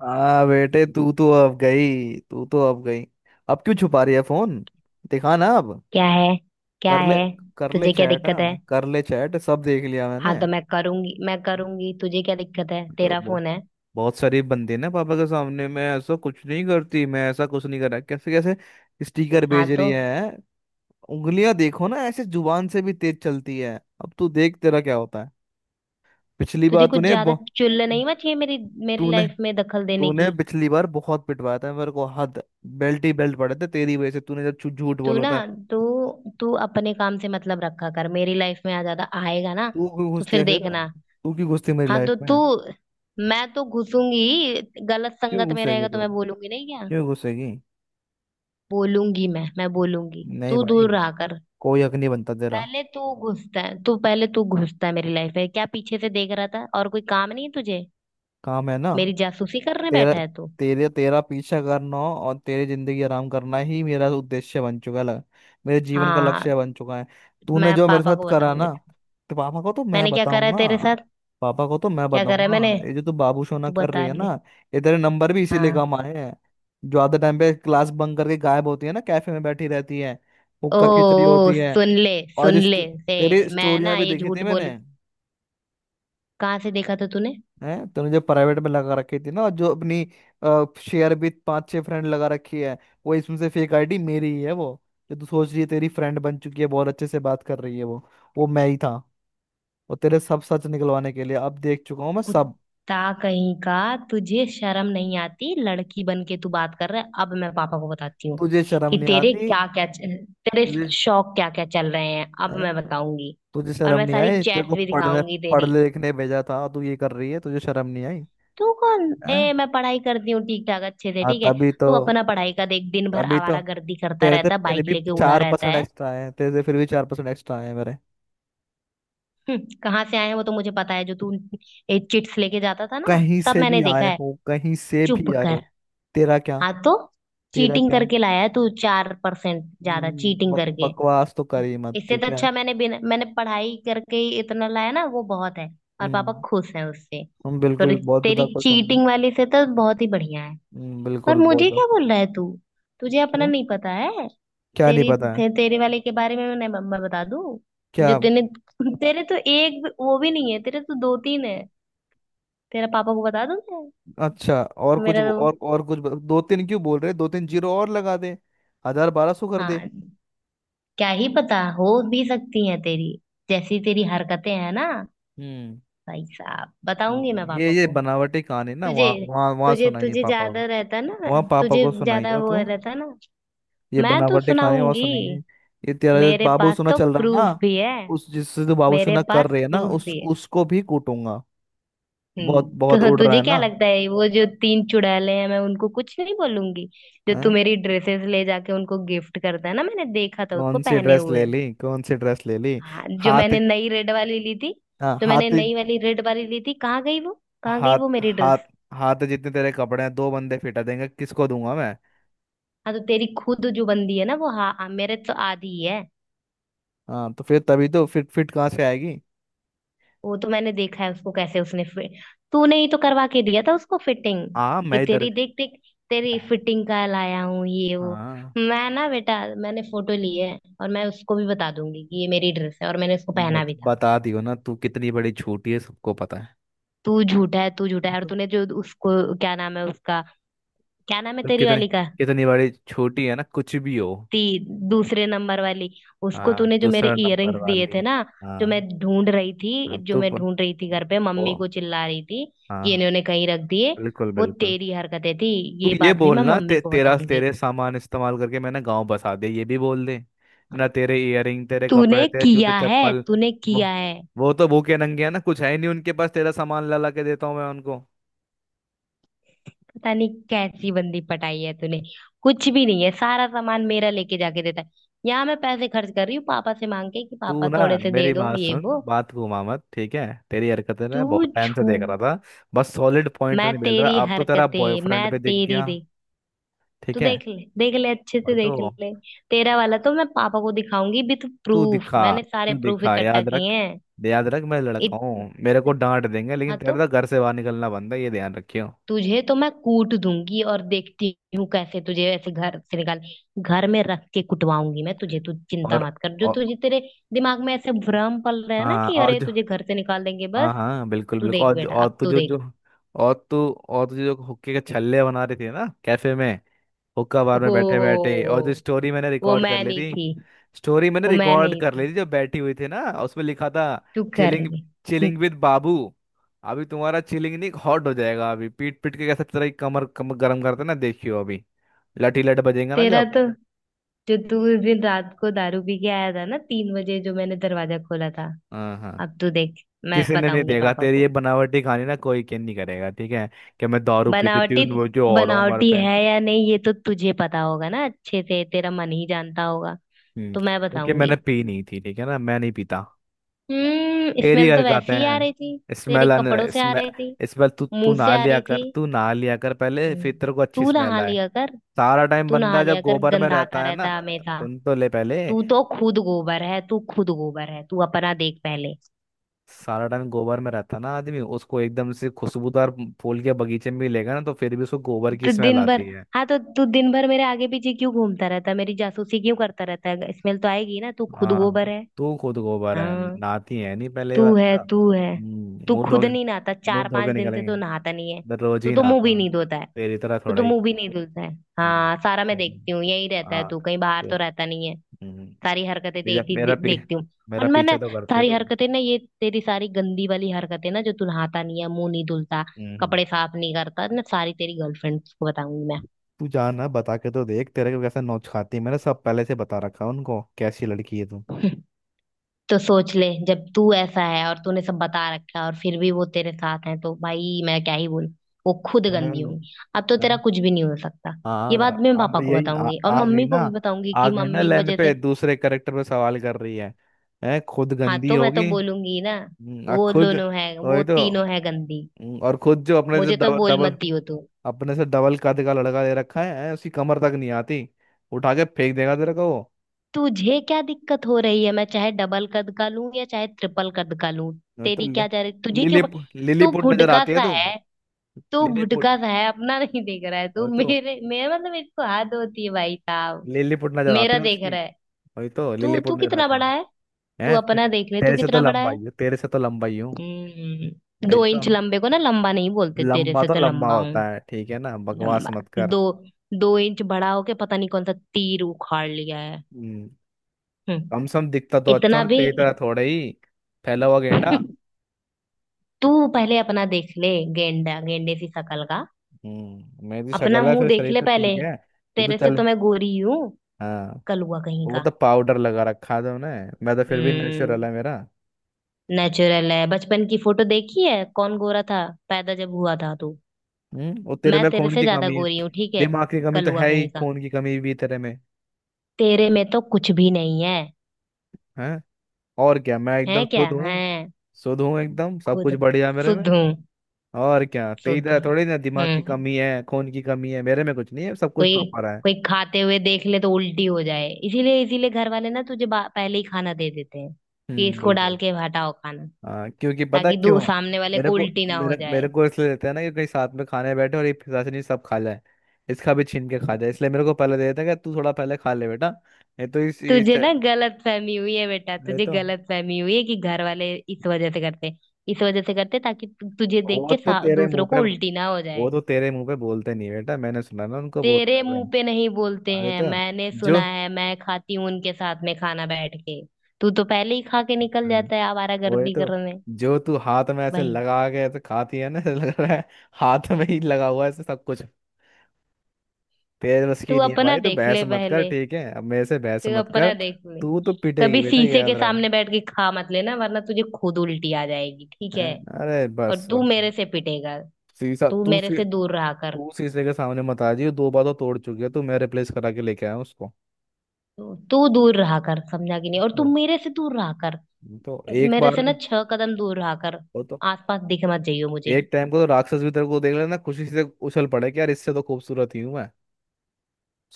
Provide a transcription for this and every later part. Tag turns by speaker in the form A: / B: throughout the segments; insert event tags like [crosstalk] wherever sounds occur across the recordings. A: हाँ बेटे। तू तो अब गई, तू तो अब गई। अब क्यों छुपा रही है फोन? दिखा ना अब।
B: क्या है। क्या
A: कर ले,
B: है।
A: कर ले
B: तुझे क्या
A: चैट,
B: दिक्कत है?
A: हाँ कर ले चैट, सब देख लिया
B: हाँ
A: मैंने।
B: तो मैं करूंगी, मैं करूंगी, तुझे क्या दिक्कत है?
A: तो
B: तेरा
A: बहु-
B: फोन है?
A: बहुत सारी बंदे ना, पापा के सामने मैं ऐसा कुछ नहीं करती, मैं ऐसा कुछ नहीं करा, कैसे कैसे स्टिकर
B: हाँ
A: भेज रही
B: तो
A: है। उंगलियां देखो ना, ऐसे जुबान से भी तेज चलती है। अब तू देख तेरा क्या होता है। पिछली बार
B: तुझे कुछ
A: तूने
B: ज्यादा
A: बहु-
B: चुल नहीं मची है मेरी मेरी
A: तूने
B: लाइफ में दखल देने
A: तूने
B: की?
A: पिछली बार बहुत पिटवाया था मेरे को, हद। बेल्ट ही बेल्ट पड़े थे तेरी वजह से, तूने जब झूठ
B: तू
A: बोला
B: ना,
A: था।
B: तू तू अपने काम से मतलब रखा कर, मेरी लाइफ में आ ज्यादा आएगा ना?
A: तू क्यों
B: तो
A: घुसती
B: फिर
A: है फिर,
B: देखना।
A: तू क्यों घुसती है मेरी
B: हाँ
A: लाइफ
B: तो
A: में?
B: तू, मैं तो घुसूंगी। गलत
A: क्यों
B: संगत में
A: घुसेगी
B: रहेगा तो
A: तू,
B: मैं बोलूंगी नहीं क्या?
A: क्यों घुसेगी?
B: बोलूंगी, मैं बोलूंगी,
A: नहीं
B: तू
A: भाई,
B: दूर रहा कर।
A: कोई हक नहीं बनता तेरा।
B: पहले तू घुसता है, तू पहले तू घुसता है मेरी लाइफ में। क्या पीछे से देख रहा था? और कोई काम नहीं है तुझे?
A: काम है ना।
B: मेरी जासूसी करने
A: तेरा
B: बैठा है तू।
A: तेरा पीछा करना और तेरी जिंदगी आराम करना ही मेरा उद्देश्य बन चुका है, मेरे जीवन का
B: हाँ,
A: लक्ष्य बन चुका है। तूने
B: मैं
A: जो मेरे
B: पापा
A: साथ
B: को
A: करा
B: बताऊंगी।
A: ना, तो पापा को तो मैं
B: मैंने क्या करा है
A: बताऊंगा,
B: तेरे साथ?
A: पापा को तो मैं
B: क्या करा है मैंने?
A: बताऊंगा। ये जो तू बाबू सोना
B: तू
A: कर रही
B: बता
A: है
B: ले।
A: ना, ये तेरे नंबर भी इसीलिए
B: हाँ।
A: कम आए हैं, जो आधे टाइम पे क्लास बंक करके गायब होती है ना, कैफे में बैठी रहती है,
B: ओ,
A: हुक्का खिचड़ी
B: ओ
A: होती है।
B: सुन ले।
A: और
B: सुन
A: जिस
B: ले से
A: तेरी
B: मैं
A: स्टोरियां
B: ना
A: भी
B: ये
A: देखी थी
B: झूठ
A: मैंने,
B: बोल। कहाँ से देखा था तूने?
A: है, तूने जो प्राइवेट में लगा रखी थी ना, और जो अपनी शेयर भी पांच छह फ्रेंड लगा रखी है, वो इसमें से फेक आईडी मेरी ही है वो, जो तू सोच रही है तेरी फ्रेंड बन चुकी है, बहुत अच्छे से बात कर रही है, वो मैं ही था। और तेरे सब सच निकलवाने के लिए अब देख चुका हूँ मैं सब।
B: कुत्ता कहीं का। तुझे शर्म नहीं आती? लड़की बन के तू बात कर रहा है। अब मैं पापा को बताती हूँ
A: तुझे शर्म
B: कि
A: नहीं
B: तेरे
A: आती,
B: क्या क्या, तेरे
A: तुझे।
B: शौक क्या क्या चल रहे हैं, अब
A: हैं?
B: मैं बताऊंगी।
A: तुझे
B: और
A: शर्म
B: मैं
A: नहीं
B: सारी
A: आई? तेरे को
B: चैट्स भी
A: पढ़ने
B: दिखाऊंगी तेरी।
A: पढ़ने लिखने भेजा था और तू ये कर रही है, तुझे शर्म नहीं आई?
B: तू कौन
A: हैं?
B: ए? मैं पढ़ाई करती हूँ ठीक ठाक, अच्छे से,
A: हाँ,
B: ठीक है।
A: तभी तो,
B: तू अपना पढ़ाई का देख। दिन भर
A: तभी तो
B: आवारागर्दी करता
A: तेरे से
B: रहता है,
A: फिर
B: बाइक
A: भी
B: लेके उड़ा
A: चार
B: रहता
A: परसेंट
B: है।
A: एक्स्ट्रा आए हैं, तेरे से फिर भी 4% एक्स्ट्रा आए हैं मेरे।
B: कहाँ से आए हैं वो तो मुझे पता है। जो तू चिट्स लेके जाता था ना,
A: कहीं
B: सब
A: से
B: मैंने
A: भी
B: देखा
A: आए
B: है।
A: हो, कहीं से
B: चुप
A: भी आए हो।
B: कर।
A: तेरा क्या,
B: हाँ तो
A: तेरा
B: चीटिंग
A: क्या।
B: करके लाया है तू 4% ज्यादा, चीटिंग करके।
A: बकवास तो करी मत,
B: इससे तो
A: ठीक है।
B: अच्छा मैंने बिना मैंने पढ़ाई करके ही इतना लाया ना, वो बहुत है। और पापा
A: हम्म
B: खुश हैं उससे।
A: हम
B: तो
A: बिल्कुल बहुत
B: तेरी
A: ज्यादा खुश होंगे।
B: चीटिंग वाली से तो बहुत ही बढ़िया है। पर
A: बिल्कुल, बहुत
B: मुझे
A: ज्यादा।
B: क्या बोल रहा है तू? तुझे अपना
A: क्यों?
B: नहीं पता है?
A: क्या नहीं
B: तेरी
A: पता है?
B: ते, तेरे वाले के बारे में मैं बता दूं? जो
A: क्या?
B: तूने, तेरे तो वो भी नहीं है, तेरे तो दो तीन है। तेरा पापा को बता दूं मैं?
A: अच्छा, और कुछ?
B: मेरा तो
A: कुछ दो तीन? क्यों बोल रहे दो तीन? जीरो और लगा दे, हजार 1200 कर दे।
B: हाँ क्या ही पता। हो भी सकती है तेरी, जैसी तेरी हरकतें हैं ना।
A: हम्म
B: भाई साहब, बताऊंगी मैं
A: ये
B: पापा
A: ये
B: को।
A: बनावटी कहानी ना,
B: तुझे
A: वहाँ वहाँ वहाँ
B: तुझे
A: सुनाइए
B: तुझे
A: पापा को,
B: ज्यादा रहता ना,
A: वहाँ पापा
B: तुझे
A: को
B: ज्यादा
A: सुनाइए
B: वो
A: तो,
B: रहता ना।
A: ये
B: मैं तो
A: बनावटी खाने और
B: सुनाऊंगी।
A: सुनेंगे। ये तेरा जो
B: मेरे पास
A: बाबूसुना
B: तो
A: चल रहा है
B: प्रूफ
A: ना,
B: भी है।
A: उस, जिससे तू
B: मेरे
A: बाबूसुना कर
B: पास
A: रहे है ना,
B: प्रूफ
A: उस
B: भी है।
A: उसको भी कूटूंगा।
B: हम्म।
A: बहुत बहुत
B: तो
A: उड़ रहा
B: तुझे
A: है
B: क्या
A: ना।
B: लगता है वो जो तीन चुड़ैले हैं मैं उनको कुछ नहीं बोलूंगी? जो तू
A: हैं?
B: मेरी ड्रेसेस ले जाके उनको गिफ्ट करता है ना, मैंने देखा था उसको
A: कौन सी
B: पहने
A: ड्रेस ले
B: हुए।
A: ली, कौन सी ड्रेस ले ली?
B: हाँ, जो
A: हाथ,
B: मैंने नई रेड वाली ली थी,
A: हाँ,
B: तो मैंने
A: हाथ
B: नई वाली रेड वाली ली थी, कहाँ गई वो? कहाँ गई
A: हाथ
B: वो मेरी
A: हाथ
B: ड्रेस?
A: हाथ जितने तेरे कपड़े हैं दो बंदे फिटा देंगे, किसको दूंगा मैं?
B: हाँ तो तेरी खुद जो बंदी है ना वो, हाँ हाँ, मेरे तो आधी ही है।
A: हाँ तो फिर तभी तो, फिट फिट कहाँ से आएगी?
B: वो तो मैंने देखा है उसको कैसे उसने फिट। तूने ही तो करवा के दिया था उसको फिटिंग
A: हाँ,
B: कि
A: मैं इधर,
B: तेरी, देख देख, तेरी फिटिंग का लाया हूँ ये वो।
A: हाँ।
B: मैं ना बेटा मैंने फोटो ली है, और मैं उसको भी बता दूंगी कि ये मेरी ड्रेस है और मैंने उसको पहना भी था।
A: बता दियो ना, तू कितनी बड़ी छोटी है सबको पता है।
B: तू झूठा है। तू झूठा है। और तूने
A: [laughs]
B: जो उसको, क्या नाम है उसका? क्या नाम है
A: तो
B: तेरी
A: कितनी
B: वाली का?
A: कितनी बड़ी छोटी है ना, कुछ भी हो।
B: ती दूसरे नंबर वाली। उसको
A: हाँ
B: तूने जो मेरे
A: दूसरा नंबर
B: इयररिंग्स दिए
A: वाली,
B: थे ना, जो मैं
A: हाँ।
B: ढूंढ रही थी,
A: हाँ
B: जो
A: तो
B: मैं ढूंढ रही थी घर पे, मम्मी
A: ओ,
B: को चिल्ला रही थी
A: हाँ
B: कि
A: हाँ,
B: इन्होंने कहीं रख दिए,
A: बिल्कुल
B: वो
A: बिल्कुल।
B: तेरी हरकतें थी।
A: तू
B: ये
A: ये
B: बात भी मैं
A: बोलना,
B: मम्मी को
A: तेरा
B: बताऊंगी।
A: तेरे सामान इस्तेमाल करके मैंने गांव बसा दिया, ये भी बोल दे ना। तेरे इयररिंग, तेरे कपड़े,
B: तूने
A: तेरे जूते
B: किया है।
A: चप्पल,
B: तूने
A: वो
B: किया है।
A: वो तो भूखे नंगे हैं ना, कुछ है ही नहीं उनके पास, तेरा सामान ला ला के देता हूँ मैं उनको।
B: पता नहीं कैसी बंदी पटाई है तूने। कुछ भी नहीं है, सारा सामान मेरा लेके जाके देता है। यहाँ मैं पैसे खर्च कर रही हूँ पापा से मांग के कि
A: तू
B: पापा
A: ना
B: थोड़े से दे
A: मेरी
B: दो
A: बात
B: ये
A: सुन,
B: वो।
A: बात घुमा मत, ठीक है? तेरी हरकतें
B: तू
A: मैं बहुत टाइम से
B: झू
A: देख रहा था, बस सॉलिड पॉइंट
B: मैं
A: नहीं मिल
B: तेरी
A: रहा, अब तो तेरा
B: हरकतें मैं
A: बॉयफ्रेंड भी दिख
B: तेरी
A: गया,
B: तू
A: ठीक है?
B: देख ले, देख ले अच्छे से
A: भाई तो
B: देख ले। तेरा वाला तो मैं पापा को दिखाऊंगी विथ
A: तू
B: प्रूफ।
A: दिखा,
B: मैंने सारे
A: तू
B: प्रूफ
A: दिखा।
B: इकट्ठा
A: याद
B: किए
A: रख,
B: हैं।
A: याद रख मैं लड़का
B: इत,
A: हूँ, मेरे को डांट देंगे, लेकिन
B: हाँ
A: तेरे
B: तो
A: तो घर से बाहर निकलना बंद है, ये ध्यान रखियो।
B: तुझे तो मैं कूट दूंगी, और देखती हूँ कैसे तुझे ऐसे घर से निकाल। घर में रख के कुटवाऊंगी मैं तुझे, तू चिंता
A: और
B: मत कर। जो
A: और
B: तुझे, तेरे दिमाग में ऐसे भ्रम पल रहे हैं ना
A: हाँ,
B: कि
A: और
B: अरे
A: जो,
B: तुझे घर से निकाल देंगे,
A: हाँ
B: बस
A: हाँ, बिल्कुल
B: तू
A: बिल्कुल,
B: देख बेटा, अब
A: तू
B: तू
A: जो
B: देख।
A: जो, और तू, और तुझे जो हुक्के के छल्ले बना रही थी ना कैफे में, हुक्का बार
B: हो
A: में बैठे
B: हो
A: बैठे, और जो स्टोरी मैंने
B: वो
A: रिकॉर्ड कर
B: मैं
A: ली
B: नहीं
A: थी,
B: थी।
A: स्टोरी मैंने
B: वो मैं
A: रिकॉर्ड
B: नहीं
A: कर ली
B: थी।
A: थी जब बैठी हुई थी ना, उसमें लिखा था
B: तू कर
A: चिलिंग,
B: ले।
A: चिलिंग विद बाबू। अभी तुम्हारा चिलिंग नहीं हॉट हो जाएगा, अभी पीट पीट के कैसे तेरा ये कमर कमर गर्म करते ना देखियो अभी। लटी लट
B: [laughs]
A: बजेगा ना
B: तेरा
A: जब।
B: तो, जो तू उस दिन रात को दारू पी के आया था ना 3 बजे, जो मैंने दरवाजा खोला था,
A: हाँ हाँ,
B: अब तू देख। मैं
A: किसी ने नहीं
B: बताऊंगी
A: देगा
B: पापा
A: तेरी ये
B: को।
A: बनावटी कहानी ना, कोई केयर नहीं करेगा, ठीक है, कि मैं दारू पी के
B: बनावटी,
A: तीन वो जो और हूँ घर
B: बनावटी
A: पे।
B: है या नहीं ये तो तुझे पता होगा ना अच्छे से, तेरा मन ही जानता होगा। तो मैं
A: क्योंकि मैंने
B: बताऊंगी।
A: पी नहीं थी, ठीक है ना, मैं नहीं पीता।
B: हम्म,
A: तेरी
B: स्मेल तो
A: हरकतें
B: वैसे ही आ रही थी।
A: हैं,
B: तेरे
A: स्मेल
B: कपड़ों
A: आने,
B: से आ रही थी,
A: स्मेल स्मेल। तू तू
B: मुंह से
A: ना
B: आ
A: लिया
B: रही थी।
A: कर, तू ना लिया कर पहले,
B: हम्म,
A: फिर तेरे को अच्छी
B: तू
A: स्मेल।
B: नहा लिया कर।
A: सारा टाइम
B: तू
A: बंदा
B: नहा
A: जब
B: लिया कर,
A: गोबर में
B: गंधाता
A: रहता है ना,
B: रहता है हमेशा।
A: सुन तो ले पहले,
B: तू तो खुद गोबर है। तू खुद गोबर है, तू अपना देख पहले।
A: सारा टाइम गोबर में रहता है ना आदमी, उसको एकदम से खुशबूदार फूल के बगीचे में भी लेगा ना तो फिर भी उसको गोबर की
B: तो
A: स्मेल
B: दिन भर,
A: आती है।
B: हाँ तो तू दिन भर मेरे आगे पीछे क्यों घूमता रहता है? मेरी जासूसी क्यों करता रहता है? स्मेल तो आएगी ना, तू खुद
A: हाँ,
B: गोबर है।
A: तू खुद गोबर है,
B: हाँ।
A: नहाती है नहीं पहले,
B: तू
A: बात
B: है
A: का
B: तू है तू
A: मुंह धो
B: खुद
A: के,
B: नहीं नहाता,
A: मुंह
B: चार
A: धो के
B: पांच दिन से
A: निकलेंगे,
B: तू नहाता नहीं है।
A: मैं रोज
B: तू
A: ही
B: तो मुंह भी
A: नहाता हूँ,
B: नहीं धोता है।
A: तेरी तरह
B: तू
A: थोड़ा
B: तो
A: ही।
B: मुंह भी नहीं धुलता है।
A: हम्म,
B: हाँ, सारा मैं
A: देख,
B: देखती हूँ, यही रहता है
A: हाँ
B: तू, कहीं बाहर
A: तो,
B: तो रहता नहीं है।
A: हम्म,
B: सारी हरकतें
A: मेरा
B: तेरी
A: मेरा
B: देखती हूँ। और
A: मेरा
B: मैं ना
A: पीछा तो करती है
B: सारी
A: तू।
B: हरकतें ना, ये तेरी सारी गंदी वाली हरकतें ना, जो तू नहाता नहीं है, मुंह नहीं धुलता,
A: हम्म।
B: कपड़े साफ नहीं करता ना, सारी तेरी गर्लफ्रेंड्स को बताऊंगी मैं।
A: तू जाना बता के तो देख, तेरे को कैसा नोच खाती है, मैंने सब पहले से बता रखा है उनको कैसी लड़की है तू।
B: तो सोच ले, जब तू ऐसा है और तूने सब बता रखा है और फिर भी वो तेरे साथ हैं, तो भाई मैं क्या ही बोलूं। वो खुद
A: यार,
B: गंदी होंगी, अब तो तेरा
A: हाँ,
B: कुछ भी नहीं हो सकता। ये बात
A: हाँ,
B: मैं
A: अब
B: पापा को
A: यही
B: बताऊंगी, और
A: आ गई
B: मम्मी
A: ना,
B: को भी बताऊंगी
A: आ
B: कि
A: गई ना
B: मम्मी की
A: लाइन
B: वजह से।
A: पे, दूसरे करेक्टर पे सवाल कर रही है। है खुद
B: हाँ
A: गंदी
B: तो मैं तो
A: होगी।
B: बोलूंगी ना, वो
A: खुद,
B: दोनों है वो
A: वही तो।
B: तीनों है गंदी।
A: और खुद जो
B: मुझे तो बोल मत दियो तू।
A: अपने से डबल कद का लड़का ले रखा है उसकी कमर तक नहीं आती, उठा के फेंक देगा तेरे को वो।
B: तुझे क्या दिक्कत हो रही है? मैं चाहे डबल कद का लूं या चाहे ट्रिपल कद का लूं,
A: नहीं तो
B: तेरी
A: ले,
B: क्या जा रही? तुझे क्यों?
A: लिलीपुट,
B: तू
A: लिलीपुट नजर
B: भुड़का
A: आती है
B: सा
A: तू।
B: है। तू
A: लिलीपुट,
B: भुटका सा है, अपना नहीं देख रहा है तू।
A: और तो
B: मेरे, मेरा मतलब एक तो हाथ होती है भाई साहब।
A: लिलीपुट नजर आती
B: मेरा
A: है
B: देख
A: उसकी।
B: रहा है?
A: वही तो,
B: तू,
A: लिलीपुट
B: तू
A: नहीं
B: कितना
A: रखता
B: बड़ा
A: हूँ।
B: है? तू
A: हैं?
B: अपना देख ले तू
A: तेरे से तो
B: कितना बड़ा
A: लंबा
B: है।
A: ही हूँ, तेरे से तो लंबा ही हूँ। वही
B: दो
A: तो,
B: इंच लंबे को ना लंबा नहीं बोलते, तेरे
A: लंबा
B: से
A: तो
B: तो
A: लंबा
B: लंबा
A: होता
B: हूँ।
A: है, ठीक है ना, बकवास
B: लंबा।
A: मत कर।
B: दो, 2 इंच बड़ा होके पता नहीं कौन सा तीर उखाड़ लिया है।
A: हम्म
B: हम्म,
A: कम से कम दिखता तो अच्छा
B: इतना
A: हूँ,
B: भी।
A: तेरी तरह थोड़े ही फैला हुआ गेंडा।
B: [laughs] तू पहले अपना देख ले, गेंडा, गेंडे सी शकल का।
A: मेरी तो
B: अपना
A: शक्ल है,
B: मुंह
A: फिर
B: देख
A: शरीर
B: ले
A: तो
B: पहले।
A: ठीक है। तू तो
B: तेरे से
A: चल,
B: तो मैं गोरी हूँ,
A: हाँ।
B: कलुआ कहीं
A: वो
B: का।
A: तो पाउडर लगा रखा था उन्हें, मैं तो फिर भी
B: हम्म
A: नेचुरल है मेरा।
B: नेचुरल है? बचपन की फोटो देखी है कौन गोरा था पैदा जब हुआ था तू।
A: और तेरे
B: मैं
A: में
B: तेरे
A: खून
B: से
A: की
B: ज्यादा
A: कमी है,
B: गोरी हूँ, ठीक है,
A: दिमाग की कमी तो
B: कलुआ
A: है ही,
B: कहीं का।
A: खून की कमी भी तेरे में
B: तेरे में तो कुछ भी नहीं है,
A: है। और क्या, मैं
B: है
A: एकदम
B: क्या
A: शुद्ध
B: है?
A: हूँ, शुद्ध हूँ एकदम, सब कुछ
B: खुद
A: बढ़िया मेरे में।
B: शुद्ध हूँ,
A: और क्या, तेरी
B: शुद्ध
A: तरह
B: हूँ।
A: थोड़ी ना दिमाग की कमी है, खून की कमी है, मेरे में कुछ नहीं है, सब कुछ
B: कोई,
A: प्रॉपर है।
B: कोई खाते हुए देख ले तो उल्टी हो जाए, इसीलिए, इसीलिए घर वाले ना तुझे पहले ही खाना दे देते हैं कि
A: हम्म,
B: इसको डाल
A: बिल्कुल।
B: के हटाओ खाना,
A: हाँ, क्योंकि पता है
B: ताकि दू
A: क्यों?
B: सामने वाले
A: मेरे
B: को
A: को
B: उल्टी ना हो
A: मेरे मेरे
B: जाए।
A: को इसलिए देते हैं ना कि कहीं साथ में खाने बैठे और ये पिशाच नहीं सब खा जाए, इसका भी छीन के खा जाए, इसलिए मेरे को पहले दे देते हैं कि तू थोड़ा पहले खा ले बेटा। ये तो इस
B: तुझे ना गलत फहमी हुई है बेटा,
A: ये
B: तुझे
A: तो
B: गलत फहमी हुई है कि घर वाले इस वजह से करते, इस वजह से करते ताकि तुझे देख
A: वो
B: के
A: तो तेरे मुंह
B: दूसरों को
A: पे,
B: उल्टी ना हो
A: वो
B: जाए।
A: तो तेरे मुंह पे बोलते नहीं बेटा, मैंने सुना ना उनको
B: तेरे
A: बोलते हुए।
B: मुंह पे नहीं बोलते
A: अरे
B: हैं,
A: तो
B: मैंने
A: जो
B: सुना है, मैं खाती हूँ उनके साथ में खाना बैठ के। तू तो पहले ही खा के निकल जाता है
A: वही
B: आवारागर्दी
A: तो,
B: करने।
A: जो तू हाथ में ऐसे
B: भाई,
A: लगा के ऐसे खाती है ना, ऐसे लग रहा है हाथ में ही लगा हुआ है ऐसे सब कुछ। तेरे बस
B: तू
A: की नहीं है
B: अपना
A: भाई, तो
B: देख
A: बहस
B: ले
A: मत कर,
B: पहले,
A: ठीक है, अब मेरे से बहस
B: तू
A: मत कर।
B: अपना देख ले।
A: तू तो पिटेगी
B: कभी
A: बेटा, ये
B: शीशे
A: याद
B: के
A: रख।
B: सामने
A: हैं?
B: बैठ के खा मत लेना वरना तुझे खुद उल्टी आ जाएगी, ठीक है।
A: अरे बस
B: और तू
A: बस,
B: मेरे से पिटेगा।
A: शीशा
B: तू
A: तू
B: मेरे
A: शी-
B: से दूर रहा कर।
A: तू शीशे के सामने मत आ जाइयो, दो बार तो तोड़ चुकी है, तो मैं रिप्लेस करा के लेके आया हूँ उसको।
B: तो तू दूर रहा कर समझा कि नहीं, और तू
A: तो,
B: मेरे से दूर रहा कर।
A: तो एक
B: मेरे
A: बार
B: से ना
A: को
B: 6 कदम दूर रहा कर,
A: वो तो
B: आसपास दिख मत जाइयो मुझे।
A: एक टाइम को तो राक्षस भी तेरे को देख लेना खुशी से उछल पड़े कि यार इससे तो खूबसूरत ही हूँ मैं,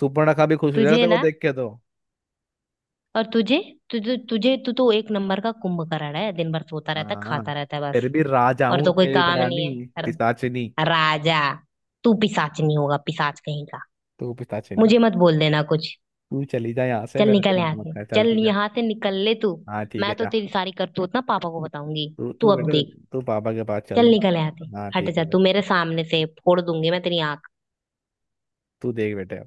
A: सुपर्णखा भी खुश हो जाएगा
B: तुझे
A: तेरे को
B: ना,
A: देख के तो।
B: और तुझे तुझे तुझे, तू तो एक नंबर का कुंभकर्ण है, दिन भर सोता रहता है
A: हाँ,
B: खाता रहता है, बस
A: फिर भी राजा
B: और
A: हूँ,
B: तो कोई
A: तेरी
B: काम
A: तरह
B: नहीं
A: नहीं
B: है।
A: पिशाचिनी।
B: राजा! तू पिशाच नहीं होगा? पिशाच कहीं का।
A: तू पिशाचिनी,
B: मुझे मत बोल देना कुछ।
A: तू चली जा यहाँ से,
B: चल
A: मेरा
B: निकल
A: दिमाग
B: यहाँ
A: मत
B: से,
A: खा, चल
B: चल
A: तू जा।
B: यहाँ से निकल ले तू।
A: हाँ ठीक है,
B: मैं तो
A: जा।
B: तेरी सारी करतूत ना पापा को बताऊंगी।
A: तू
B: तू
A: तू
B: अब
A: बेटा,
B: देख।
A: तू पापा के पास चल।
B: चल निकल यहाँ से।
A: हाँ
B: हट
A: ठीक है,
B: जा
A: जा।
B: तू मेरे सामने से, फोड़ दूंगी मैं तेरी आंख।
A: तू देख बेटे।